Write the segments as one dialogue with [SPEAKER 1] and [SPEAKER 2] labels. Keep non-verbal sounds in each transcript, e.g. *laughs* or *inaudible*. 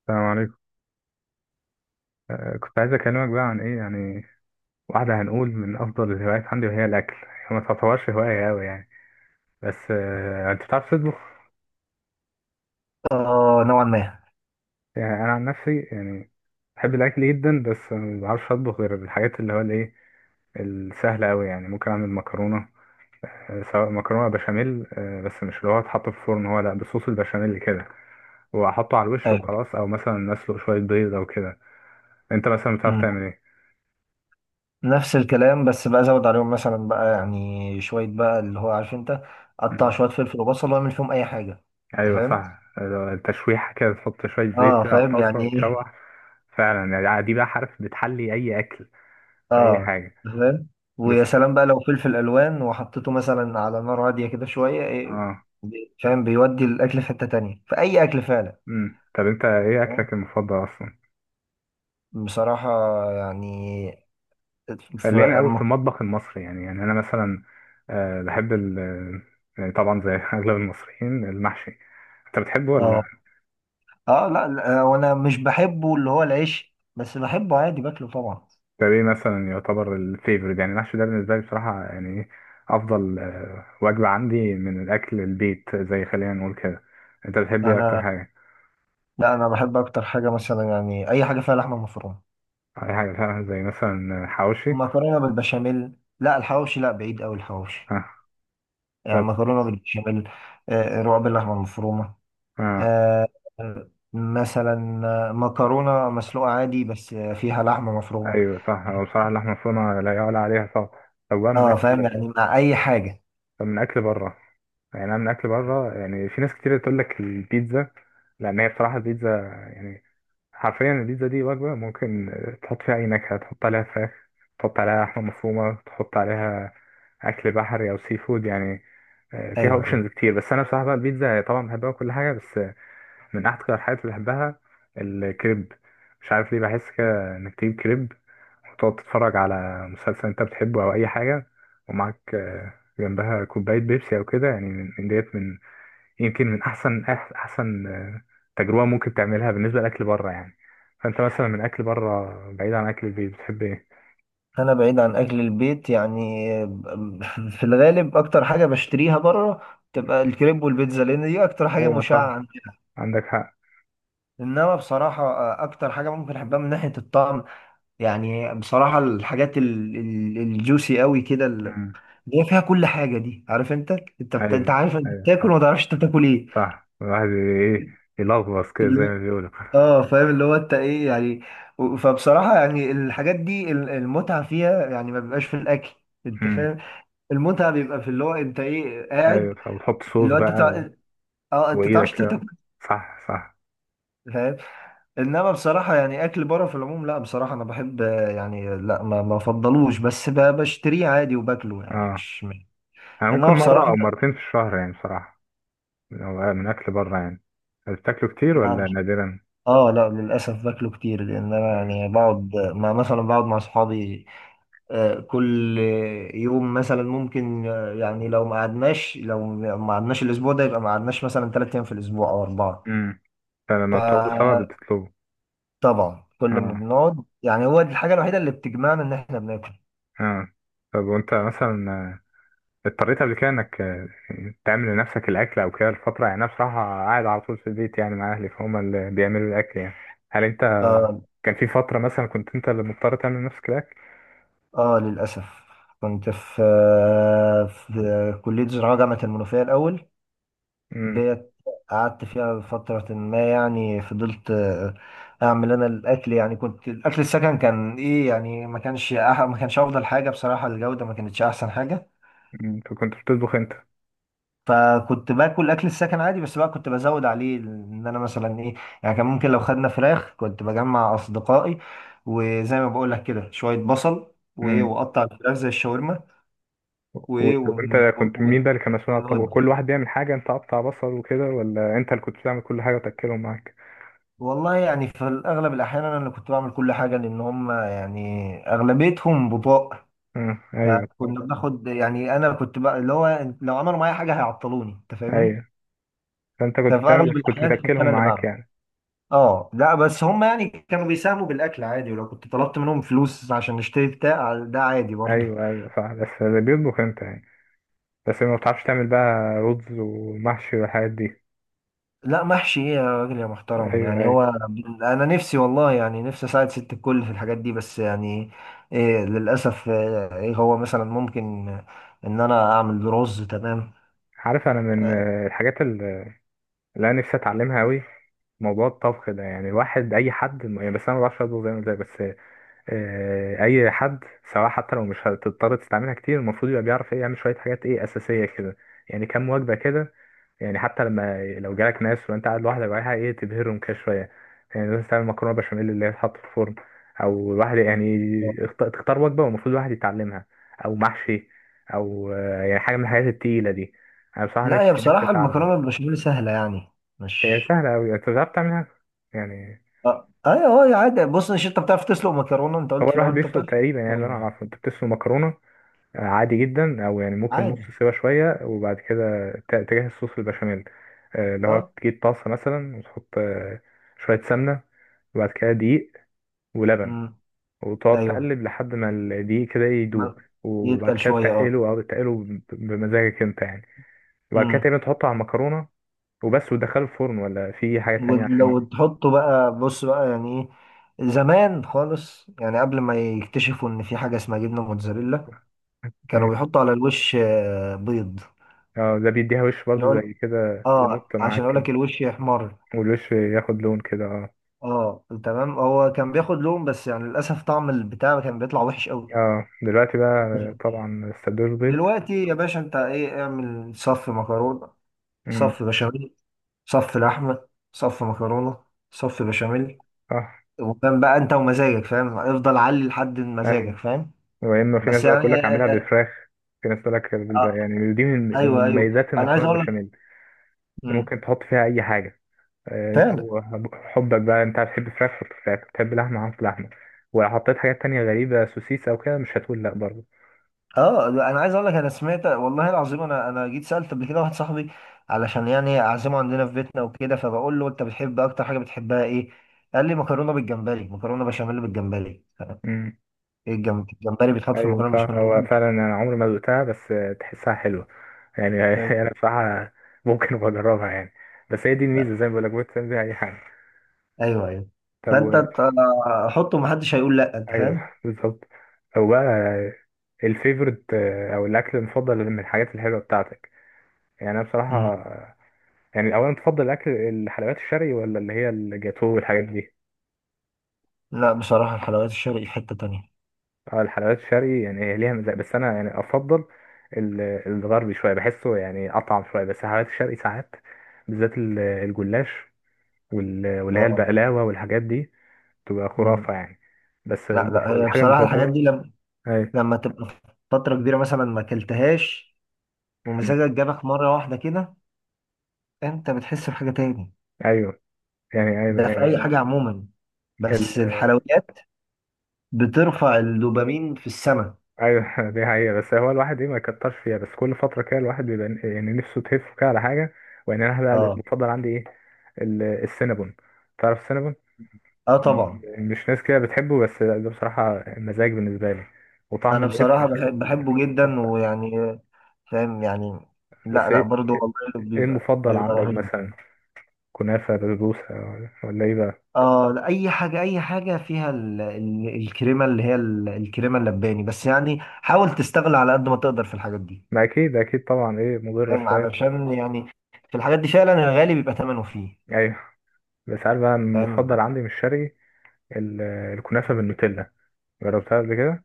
[SPEAKER 1] السلام عليكم. كنت عايز أكلمك بقى عن إيه يعني. واحدة هنقول من أفضل الهوايات عندي وهي الأكل. هي ما تعتبرش هواية أوي يعني. بس أنت بتعرف تطبخ؟
[SPEAKER 2] اه نوعا ما.
[SPEAKER 1] يعني أنا عن نفسي يعني بحب الأكل جدا، بس ما بعرفش أطبخ غير الحاجات اللي هو الإيه السهلة أوي يعني. ممكن أعمل مكرونة، سواء مكرونة بشاميل، بس مش اللي هو اتحط في الفرن، هو لأ بصوص البشاميل كده وأحطه على الوش
[SPEAKER 2] ايوه.
[SPEAKER 1] وخلاص، أو مثلا أسلق شوية بيض أو كده. أنت مثلا بتعرف
[SPEAKER 2] أمم.
[SPEAKER 1] تعمل
[SPEAKER 2] نفس الكلام، بس بقى زود عليهم مثلا بقى يعني شويه بقى اللي هو عارف انت.
[SPEAKER 1] إيه؟
[SPEAKER 2] قطع شويه فلفل وبصل واعمل فيهم اي حاجه. انت
[SPEAKER 1] ايوه
[SPEAKER 2] فاهم؟
[SPEAKER 1] صح. التشويحة كده تحط شوية زيت
[SPEAKER 2] اه
[SPEAKER 1] كده على
[SPEAKER 2] فاهم
[SPEAKER 1] الطاسة
[SPEAKER 2] يعني ايه.
[SPEAKER 1] وتشوح. فعلا يعني دي بقى حرف بتحلي اي اكل في اي
[SPEAKER 2] اه،
[SPEAKER 1] حاجة.
[SPEAKER 2] أنت فاهم. ويا
[SPEAKER 1] بس
[SPEAKER 2] سلام بقى لو فلفل الوان وحطيته مثلا على نار هاديه كده شويه إيه.
[SPEAKER 1] اه.
[SPEAKER 2] فاهم، بيودي الاكل في حته تانية في اي اكل فعلا.
[SPEAKER 1] طب انت ايه
[SPEAKER 2] فاهم؟
[SPEAKER 1] اكلك المفضل اصلا؟
[SPEAKER 2] بصراحه يعني ف...
[SPEAKER 1] خلينا قوي في
[SPEAKER 2] م-
[SPEAKER 1] المطبخ المصري، يعني انا مثلا بحب ال آه، يعني طبعا زي *laughs* اغلب المصريين المحشي. انت بتحبه
[SPEAKER 2] اه.
[SPEAKER 1] ولا؟
[SPEAKER 2] اه، لا لا، وانا مش بحبه اللي هو العيش، بس بحبه عادي باكله طبعا.
[SPEAKER 1] ده ايه مثلا يعتبر الفيفوريت، يعني المحشي ده بالنسبة لي بصراحة يعني إيه افضل وجبة عندي من الاكل البيت، زي خلينا نقول كده. انت بتحب ايه اكتر
[SPEAKER 2] انا،
[SPEAKER 1] حاجة؟
[SPEAKER 2] لا انا بحب اكتر حاجه مثلا يعني اي حاجه فيها لحمه مفرومه.
[SPEAKER 1] اي حاجه فعلا زي مثلا حواوشي.
[SPEAKER 2] مكرونه بالبشاميل. لا، الحواوشي لا، بعيد قوي الحواوشي.
[SPEAKER 1] ها.
[SPEAKER 2] يعني
[SPEAKER 1] طب.
[SPEAKER 2] مكرونه بالبشاميل، رقاق باللحمه المفرومه،
[SPEAKER 1] ها.
[SPEAKER 2] آه، مثلا مكرونه مسلوقه عادي، بس فيها لحمه مفرومه.
[SPEAKER 1] ايوه صح، هو بصراحه اللحمه المفرومه لا يعلى عليها صح. طب بقى من
[SPEAKER 2] اه،
[SPEAKER 1] اكل.
[SPEAKER 2] فاهم يعني مع اي حاجه.
[SPEAKER 1] طب من اكل بره، يعني انا من اكل بره يعني في ناس كتير تقول لك البيتزا، لان هي بصراحه البيتزا يعني حرفيا البيتزا دي وجبه ممكن تحط فيها اي نكهه، تحط عليها فراخ، تحط عليها لحمه مفرومه، تحط عليها اكل بحري او سي فود يعني. فيها
[SPEAKER 2] ايوه ايوه.
[SPEAKER 1] اوبشنز كتير، بس انا بصراحه بقى البيتزا طبعا بحبها وكل حاجه. بس من اكتر الحاجات اللي بحبها الكريب. مش عارف ليه بحس كده انك تجيب كريب وتقعد تتفرج على مسلسل انت بتحبه او اي حاجه، ومعاك جنبها كوبايه بيبسي او كده، يعني من ديت من يمكن من احسن احسن تجربه ممكن تعملها بالنسبه لاكل بره يعني. فانت مثلا من اكل بره بعيد عن اكل البيت بتحب ايه؟
[SPEAKER 2] انا بعيد عن اكل البيت يعني، *laughs* في الغالب اكتر حاجه بشتريها بره تبقى الكريب والبيتزا، لان دي اكتر حاجه
[SPEAKER 1] ايوه صح،
[SPEAKER 2] مشعه عندنا.
[SPEAKER 1] عندك حق.
[SPEAKER 2] انما بصراحة اكتر حاجة ممكن احبها من ناحية الطعم، يعني بصراحة الحاجات الجوسي قوي كده،
[SPEAKER 1] امم.
[SPEAKER 2] اللي هي فيها كل حاجة دي، عارف انت. انت انت
[SPEAKER 1] ايوه
[SPEAKER 2] عارف انت
[SPEAKER 1] ايوه،
[SPEAKER 2] بتاكل
[SPEAKER 1] صح
[SPEAKER 2] وما تعرفش انت بتاكل ايه.
[SPEAKER 1] صح. الواحد ايه يلغوص كده زي
[SPEAKER 2] اللي-
[SPEAKER 1] ما بيقولوا.
[SPEAKER 2] اه، فاهم اللي هو انت ايه يعني. فبصراحة يعني الحاجات دي المتعة فيها يعني ما بيبقاش في الاكل.
[SPEAKER 1] *laughs*
[SPEAKER 2] انت
[SPEAKER 1] امم،
[SPEAKER 2] فاهم. المتعة بيبقى في اللي هو انت ايه قاعد.
[SPEAKER 1] ايوه صح، وتحط صوص
[SPEAKER 2] اللي هو انت
[SPEAKER 1] بقى
[SPEAKER 2] تع- اه، انت
[SPEAKER 1] وايدك
[SPEAKER 2] تعرفش انت
[SPEAKER 1] كده.
[SPEAKER 2] بتاكل.
[SPEAKER 1] صح صح.
[SPEAKER 2] فاهم. انما بصراحه يعني اكل بره في العموم، لا بصراحه انا بحب يعني. لا، ما افضلوش، بس بشتريه عادي وباكله، يعني
[SPEAKER 1] اه
[SPEAKER 2] مش
[SPEAKER 1] انا ممكن
[SPEAKER 2] انما
[SPEAKER 1] مرة
[SPEAKER 2] بصراحه
[SPEAKER 1] او مرتين في الشهر يعني بصراحة، لو من اكل بره يعني. أنت بتاكله كتير ولا
[SPEAKER 2] يعني.
[SPEAKER 1] نادرا؟
[SPEAKER 2] اه، لا للاسف باكله كتير، لان انا
[SPEAKER 1] امم،
[SPEAKER 2] يعني بقعد مع اصحابي. كل يوم مثلا ممكن، يعني لو ما قعدناش الاسبوع ده، يبقى ما قعدناش مثلا 3 ايام في الاسبوع او 4.
[SPEAKER 1] امم. فلما بتقعدوا سوا
[SPEAKER 2] فطبعا
[SPEAKER 1] بتطلبوا؟
[SPEAKER 2] كل ما
[SPEAKER 1] اه،
[SPEAKER 2] بنقعد، يعني هو دي الحاجه الوحيده اللي بتجمعنا ان احنا بناكل.
[SPEAKER 1] اه. طب وانت مثلا اضطريت قبل كده انك تعمل لنفسك الاكل او كده الفترة، يعني انا بصراحة قاعد على طول في البيت يعني مع اهلي فهم اللي بيعملوا الاكل يعني. هل انت
[SPEAKER 2] آه،
[SPEAKER 1] كان في فترة مثلا كنت انت اللي مضطر تعمل لنفسك الاكل؟
[SPEAKER 2] اه، للأسف. كنت في كلية زراعة جامعة المنوفية الأول،
[SPEAKER 1] امم.
[SPEAKER 2] ديت قعدت فيها فترة ما. يعني فضلت أعمل أنا الأكل، يعني كنت الأكل السكن كان إيه يعني ما كانش أفضل حاجة بصراحة، الجودة ما كانتش أحسن حاجة.
[SPEAKER 1] فكنت بتطبخ.
[SPEAKER 2] فكنت باكل أكل السكن عادي، بس بقى كنت بزود عليه إن أنا مثلا إيه. يعني كان ممكن لو خدنا فراخ كنت بجمع أصدقائي، وزي ما بقول لك كده شوية بصل وإيه
[SPEAKER 1] انت
[SPEAKER 2] وأقطع الفراخ زي الشاورما. وايه
[SPEAKER 1] طب
[SPEAKER 2] ون...
[SPEAKER 1] انت كنت
[SPEAKER 2] ون...
[SPEAKER 1] مين بقى اللي كان مسؤول عن الطبق؟
[SPEAKER 2] ونودي.
[SPEAKER 1] كل واحد بيعمل حاجه انت قطع بصل وكده، ولا انت اللي كنت بتعمل كل حاجه وتاكلهم معاك؟
[SPEAKER 2] والله يعني في الأغلب الأحيان أنا اللي كنت بعمل كل حاجة، لأن هم يعني أغلبيتهم بطاء.
[SPEAKER 1] اه ايوه
[SPEAKER 2] فكنا بناخد، يعني أنا كنت بقى اللي هو لو عملوا معايا حاجة هيعطلوني. أنت فاهمني؟
[SPEAKER 1] ايوه. فانت كنت
[SPEAKER 2] ففي
[SPEAKER 1] بتعمل
[SPEAKER 2] أغلب
[SPEAKER 1] بس كنت
[SPEAKER 2] الأحيان كنت
[SPEAKER 1] بتاكلهم
[SPEAKER 2] أنا اللي
[SPEAKER 1] معاك
[SPEAKER 2] بعمل.
[SPEAKER 1] يعني.
[SPEAKER 2] أه، لا، بس هم يعني كانوا بيساهموا بالأكل عادي، ولو كنت طلبت منهم فلوس عشان نشتري بتاع، ده عادي برضه.
[SPEAKER 1] ايوه ايوه صح، بس اللي بيطبخ انت يعني. بس ما بتعرفش تعمل بقى رز ومحشي والحاجات دي؟
[SPEAKER 2] لا، محشي ايه يا راجل يا محترم،
[SPEAKER 1] ايوه
[SPEAKER 2] يعني
[SPEAKER 1] ايوه.
[SPEAKER 2] هو انا نفسي والله يعني نفسي اساعد ست الكل في الحاجات دي، بس يعني إيه للاسف. ايه هو مثلا ممكن ان انا اعمل رز، تمام.
[SPEAKER 1] عارف انا من
[SPEAKER 2] آه،
[SPEAKER 1] الحاجات اللي انا نفسي اتعلمها قوي. موضوع الطبخ ده يعني الواحد اي حد يعني، بس انا ما بعرفش اطبخ زي ما قلت لك. بس اي حد سواء حتى لو مش هتضطر تستعملها كتير، المفروض يبقى بيعرف ايه يعمل شويه حاجات ايه اساسيه كده. يعني كام وجبه كده، يعني حتى لما لو جالك ناس وانت قاعد لوحدك وعايز ايه تبهرهم كده شويه. يعني لازم تعمل مكرونه بشاميل اللي هي تتحط في الفرن، او الواحد يعني تختار وجبه والمفروض الواحد يتعلمها، او محشي، او يعني حاجه من الحاجات التقيله دي. انا بصراحه
[SPEAKER 2] لا هي
[SPEAKER 1] نفسي نفسي
[SPEAKER 2] بصراحه
[SPEAKER 1] اتعلم.
[SPEAKER 2] المكرونه بالبشاميل سهله يعني،
[SPEAKER 1] هي
[SPEAKER 2] مش.
[SPEAKER 1] سهله قوي انت بتعرف تعملها يعني.
[SPEAKER 2] اه، ايوه. اه، عادي. بص، مش انت بتعرف تسلق مكرونه؟ انت
[SPEAKER 1] هو
[SPEAKER 2] قلت في
[SPEAKER 1] الواحد
[SPEAKER 2] الاول انت
[SPEAKER 1] بيسلق
[SPEAKER 2] بتعرف تسلق
[SPEAKER 1] تقريبا يعني، اللي انا
[SPEAKER 2] مكرونه
[SPEAKER 1] اعرفه انت بتسلق مكرونه عادي جدا، او يعني ممكن نص
[SPEAKER 2] عادي.
[SPEAKER 1] سوا شويه وبعد كده تجهز صوص البشاميل. اللي هو
[SPEAKER 2] اه.
[SPEAKER 1] تجيب طاسه مثلا وتحط شويه سمنه، وبعد كده دقيق ولبن،
[SPEAKER 2] امم.
[SPEAKER 1] وتقعد
[SPEAKER 2] ايوه.
[SPEAKER 1] تقلب لحد ما الدقيق كده يدوب،
[SPEAKER 2] ما-
[SPEAKER 1] وبعد
[SPEAKER 2] يتقل
[SPEAKER 1] كده
[SPEAKER 2] شويه.
[SPEAKER 1] تقله او تقله بمزاجك انت يعني. وبعد كده
[SPEAKER 2] اه.
[SPEAKER 1] تقريبا تحطه على المكرونه وبس، وتدخله الفرن ولا في حاجه تانية عشان
[SPEAKER 2] ولو تحطه بقى، بص بقى يعني ايه، زمان خالص يعني قبل ما يكتشفوا ان في حاجة اسمها جبنة موتزاريلا كانوا
[SPEAKER 1] ايوه
[SPEAKER 2] بيحطوا على الوش بيض.
[SPEAKER 1] اه. ده بيديها وش برضو
[SPEAKER 2] يقول،
[SPEAKER 1] زي كده
[SPEAKER 2] اه،
[SPEAKER 1] يمط
[SPEAKER 2] عشان
[SPEAKER 1] معاك
[SPEAKER 2] اقول
[SPEAKER 1] كده.
[SPEAKER 2] لك الوش يحمر.
[SPEAKER 1] والوش ياخد لون كده اه.
[SPEAKER 2] اه، تمام. هو كان بياخد لون، بس يعني للاسف طعم البتاع كان بيطلع وحش قوي.
[SPEAKER 1] اه دلوقتي بقى طبعا السندوتش بيض.
[SPEAKER 2] دلوقتي يا باشا انت ايه؟ اعمل صف مكرونة،
[SPEAKER 1] امم.
[SPEAKER 2] صف بشاميل، صف لحمة، صف مكرونة، صف بشاميل.
[SPEAKER 1] اه
[SPEAKER 2] وكان بقى انت ومزاجك، فاهم؟ افضل علي لحد مزاجك،
[SPEAKER 1] ايوه.
[SPEAKER 2] فاهم؟
[SPEAKER 1] يا اما في ناس
[SPEAKER 2] بس
[SPEAKER 1] بقى تقول
[SPEAKER 2] يعني
[SPEAKER 1] لك اعملها
[SPEAKER 2] آه.
[SPEAKER 1] بالفراخ، في ناس تقول لك بالبقى،
[SPEAKER 2] آه،
[SPEAKER 1] يعني دي من
[SPEAKER 2] ايوه ايوه،
[SPEAKER 1] مميزات
[SPEAKER 2] انا عايز
[SPEAKER 1] المكرونه
[SPEAKER 2] اقول لك.
[SPEAKER 1] البشاميل. انت
[SPEAKER 2] مم.
[SPEAKER 1] ممكن تحط فيها اي حاجه. انت
[SPEAKER 2] فعلا.
[SPEAKER 1] وحبك بقى، انت بتحب فراخ حط فراخ، بتحب لحمه حط لحمه. وحطيت حاجات تانية غريبه سوسيس او كده مش هتقول لا برضه.
[SPEAKER 2] اه، انا عايز اقول لك، انا سمعت والله العظيم، انا جيت سالت قبل كده واحد صاحبي علشان يعني اعزمه عندنا في بيتنا وكده، فبقول له انت بتحب اكتر حاجه بتحبها ايه؟ قال لي مكرونه بالجمبري، مكرونه بشاميل بالجمبري.
[SPEAKER 1] امم،
[SPEAKER 2] ايه، الجمبري بيتحط في
[SPEAKER 1] ايوه
[SPEAKER 2] المكرونه
[SPEAKER 1] صح.
[SPEAKER 2] بشاميل
[SPEAKER 1] هو
[SPEAKER 2] انت؟
[SPEAKER 1] فعلا انا عمري ما ذقتها، بس تحسها حلوه يعني.
[SPEAKER 2] فاهم؟
[SPEAKER 1] *laughs* انا بصراحه ممكن أبقى اجربها يعني. بس هي دي
[SPEAKER 2] آه،
[SPEAKER 1] الميزه زي ما بقول لك ممكن تعمل بيها اي حاجه.
[SPEAKER 2] ايوه ايوه.
[SPEAKER 1] طب
[SPEAKER 2] فانت حطه، محدش هيقول لا، انت
[SPEAKER 1] ايوه
[SPEAKER 2] فاهم؟
[SPEAKER 1] *laughs* بالظبط. او بقى الفيفورت او الاكل المفضل من الحاجات الحلوه بتاعتك. يعني انا
[SPEAKER 2] مم.
[SPEAKER 1] بصراحه يعني اولا تفضل الاكل الحلويات الشرقي ولا اللي هي الجاتو والحاجات دي؟
[SPEAKER 2] لا بصراحه الحلويات الشرقي في حته تانيه.
[SPEAKER 1] اه الحلويات الشرقي يعني هي ليها مزاج، بس انا يعني افضل الغربي شويه، بحسه يعني اطعم شويه، بس الحلويات الشرقي ساعات بالذات الجلاش واللي هي
[SPEAKER 2] اه.
[SPEAKER 1] البقلاوه والحاجات دي تبقى
[SPEAKER 2] مم.
[SPEAKER 1] خرافه يعني. بس
[SPEAKER 2] لا لا، هي
[SPEAKER 1] الحاجه
[SPEAKER 2] بصراحه الحاجات
[SPEAKER 1] المفضله.
[SPEAKER 2] دي
[SPEAKER 1] ايوه.
[SPEAKER 2] لما تبقى فترة كبيرة مثلا ما اكلتهاش،
[SPEAKER 1] أمم.
[SPEAKER 2] ومزاجك جابك مرة واحدة كده، انت بتحس بحاجة تاني.
[SPEAKER 1] ايوه، يعني
[SPEAKER 2] ده في أي
[SPEAKER 1] ايوه،
[SPEAKER 2] حاجة عموما،
[SPEAKER 1] يعني
[SPEAKER 2] بس الحلويات بترفع الدوبامين في السماء.
[SPEAKER 1] ايوه. *laughs* دي حقيقة، بس هو الواحد ايه ما يكترش فيها، بس كل فترة كده الواحد بيبقى يعني نفسه تهف كده على حاجة. وان انا بقى
[SPEAKER 2] اه.
[SPEAKER 1] المفضل عندي ايه السينابون. تعرف السينابون؟
[SPEAKER 2] اه، طبعا.
[SPEAKER 1] مش ناس كده بتحبه، بس ده بصراحة مزاج بالنسبة لي، وطعم
[SPEAKER 2] انا
[SPEAKER 1] القرفة
[SPEAKER 2] بصراحة
[SPEAKER 1] كده
[SPEAKER 2] بحبه جدا،
[SPEAKER 1] تحفة.
[SPEAKER 2] ويعني فاهم يعني. لا
[SPEAKER 1] بس
[SPEAKER 2] لا،
[SPEAKER 1] ايه
[SPEAKER 2] برضو
[SPEAKER 1] ايه
[SPEAKER 2] والله
[SPEAKER 1] إيه
[SPEAKER 2] بيبقى
[SPEAKER 1] المفضل
[SPEAKER 2] بيبقى
[SPEAKER 1] عندك
[SPEAKER 2] رهيب.
[SPEAKER 1] مثلا؟ كنافة، بسبوسة، ولا ايه بقى؟
[SPEAKER 2] اه، لا، اي حاجة، اي حاجة فيها الكريمة، اللي هي الكريمة اللباني، بس يعني حاول تستغل على قد ما تقدر في الحاجات دي.
[SPEAKER 1] ما اكيد اكيد طبعا ايه مضرة
[SPEAKER 2] فاهم،
[SPEAKER 1] شوية.
[SPEAKER 2] علشان يعني في الحاجات دي فعلا الغالي بيبقى ثمنه فيه.
[SPEAKER 1] ايوه. بس عارف بقى
[SPEAKER 2] فاهم.
[SPEAKER 1] المفضل عندي مش شرقي، ال- الكنافة بالنوتيلا. جربتها قبل كده؟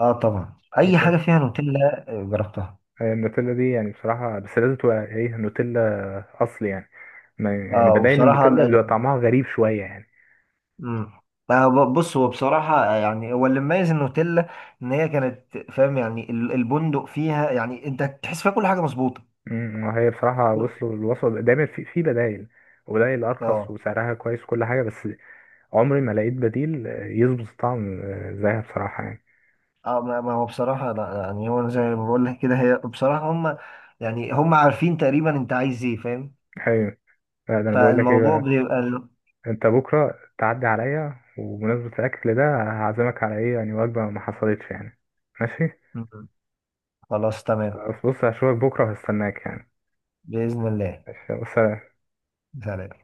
[SPEAKER 2] اه، طبعا اي حاجه فيها نوتيلا جربتها.
[SPEAKER 1] هي النوتيلا دي يعني بصراحة بس لازم تبقى ايه نوتيلا أصل يعني، ما يعني
[SPEAKER 2] اه،
[SPEAKER 1] بدايل
[SPEAKER 2] وبصراحه
[SPEAKER 1] النوتيلا بيبقى طعمها غريب شوية يعني.
[SPEAKER 2] مم. بص، هو بصراحه يعني هو اللي مميز النوتيلا ان هي كانت فاهم يعني البندق فيها، يعني انت تحس فيها كل حاجه مظبوطه.
[SPEAKER 1] وهي بصراحة وصلوا الوصفة دايما في بدايل، وبدايل أرخص
[SPEAKER 2] اه.
[SPEAKER 1] وسعرها كويس وكل حاجة. بس عمري ما لقيت بديل يظبط الطعم زيها بصراحة يعني.
[SPEAKER 2] اه، ما هو بصراحة لا، يعني هو زي ما بقول لك كده، هي بصراحة هم يعني هم عارفين تقريبا انت عايز ايه، فاهم.
[SPEAKER 1] أيوة. لا ده أنا بقول لك ايه
[SPEAKER 2] فالموضوع
[SPEAKER 1] بقى.
[SPEAKER 2] بيبقى
[SPEAKER 1] أنت بكرة تعدي عليا وبمناسبة الأكل ده هعزمك على ايه يعني وجبة ما حصلتش يعني. ماشي،
[SPEAKER 2] م- خلاص، تمام.
[SPEAKER 1] بس بص هشوفك بكرة وهستناك يعني.
[SPEAKER 2] بإذن الله.
[SPEAKER 1] ماشي بس.
[SPEAKER 2] هلا.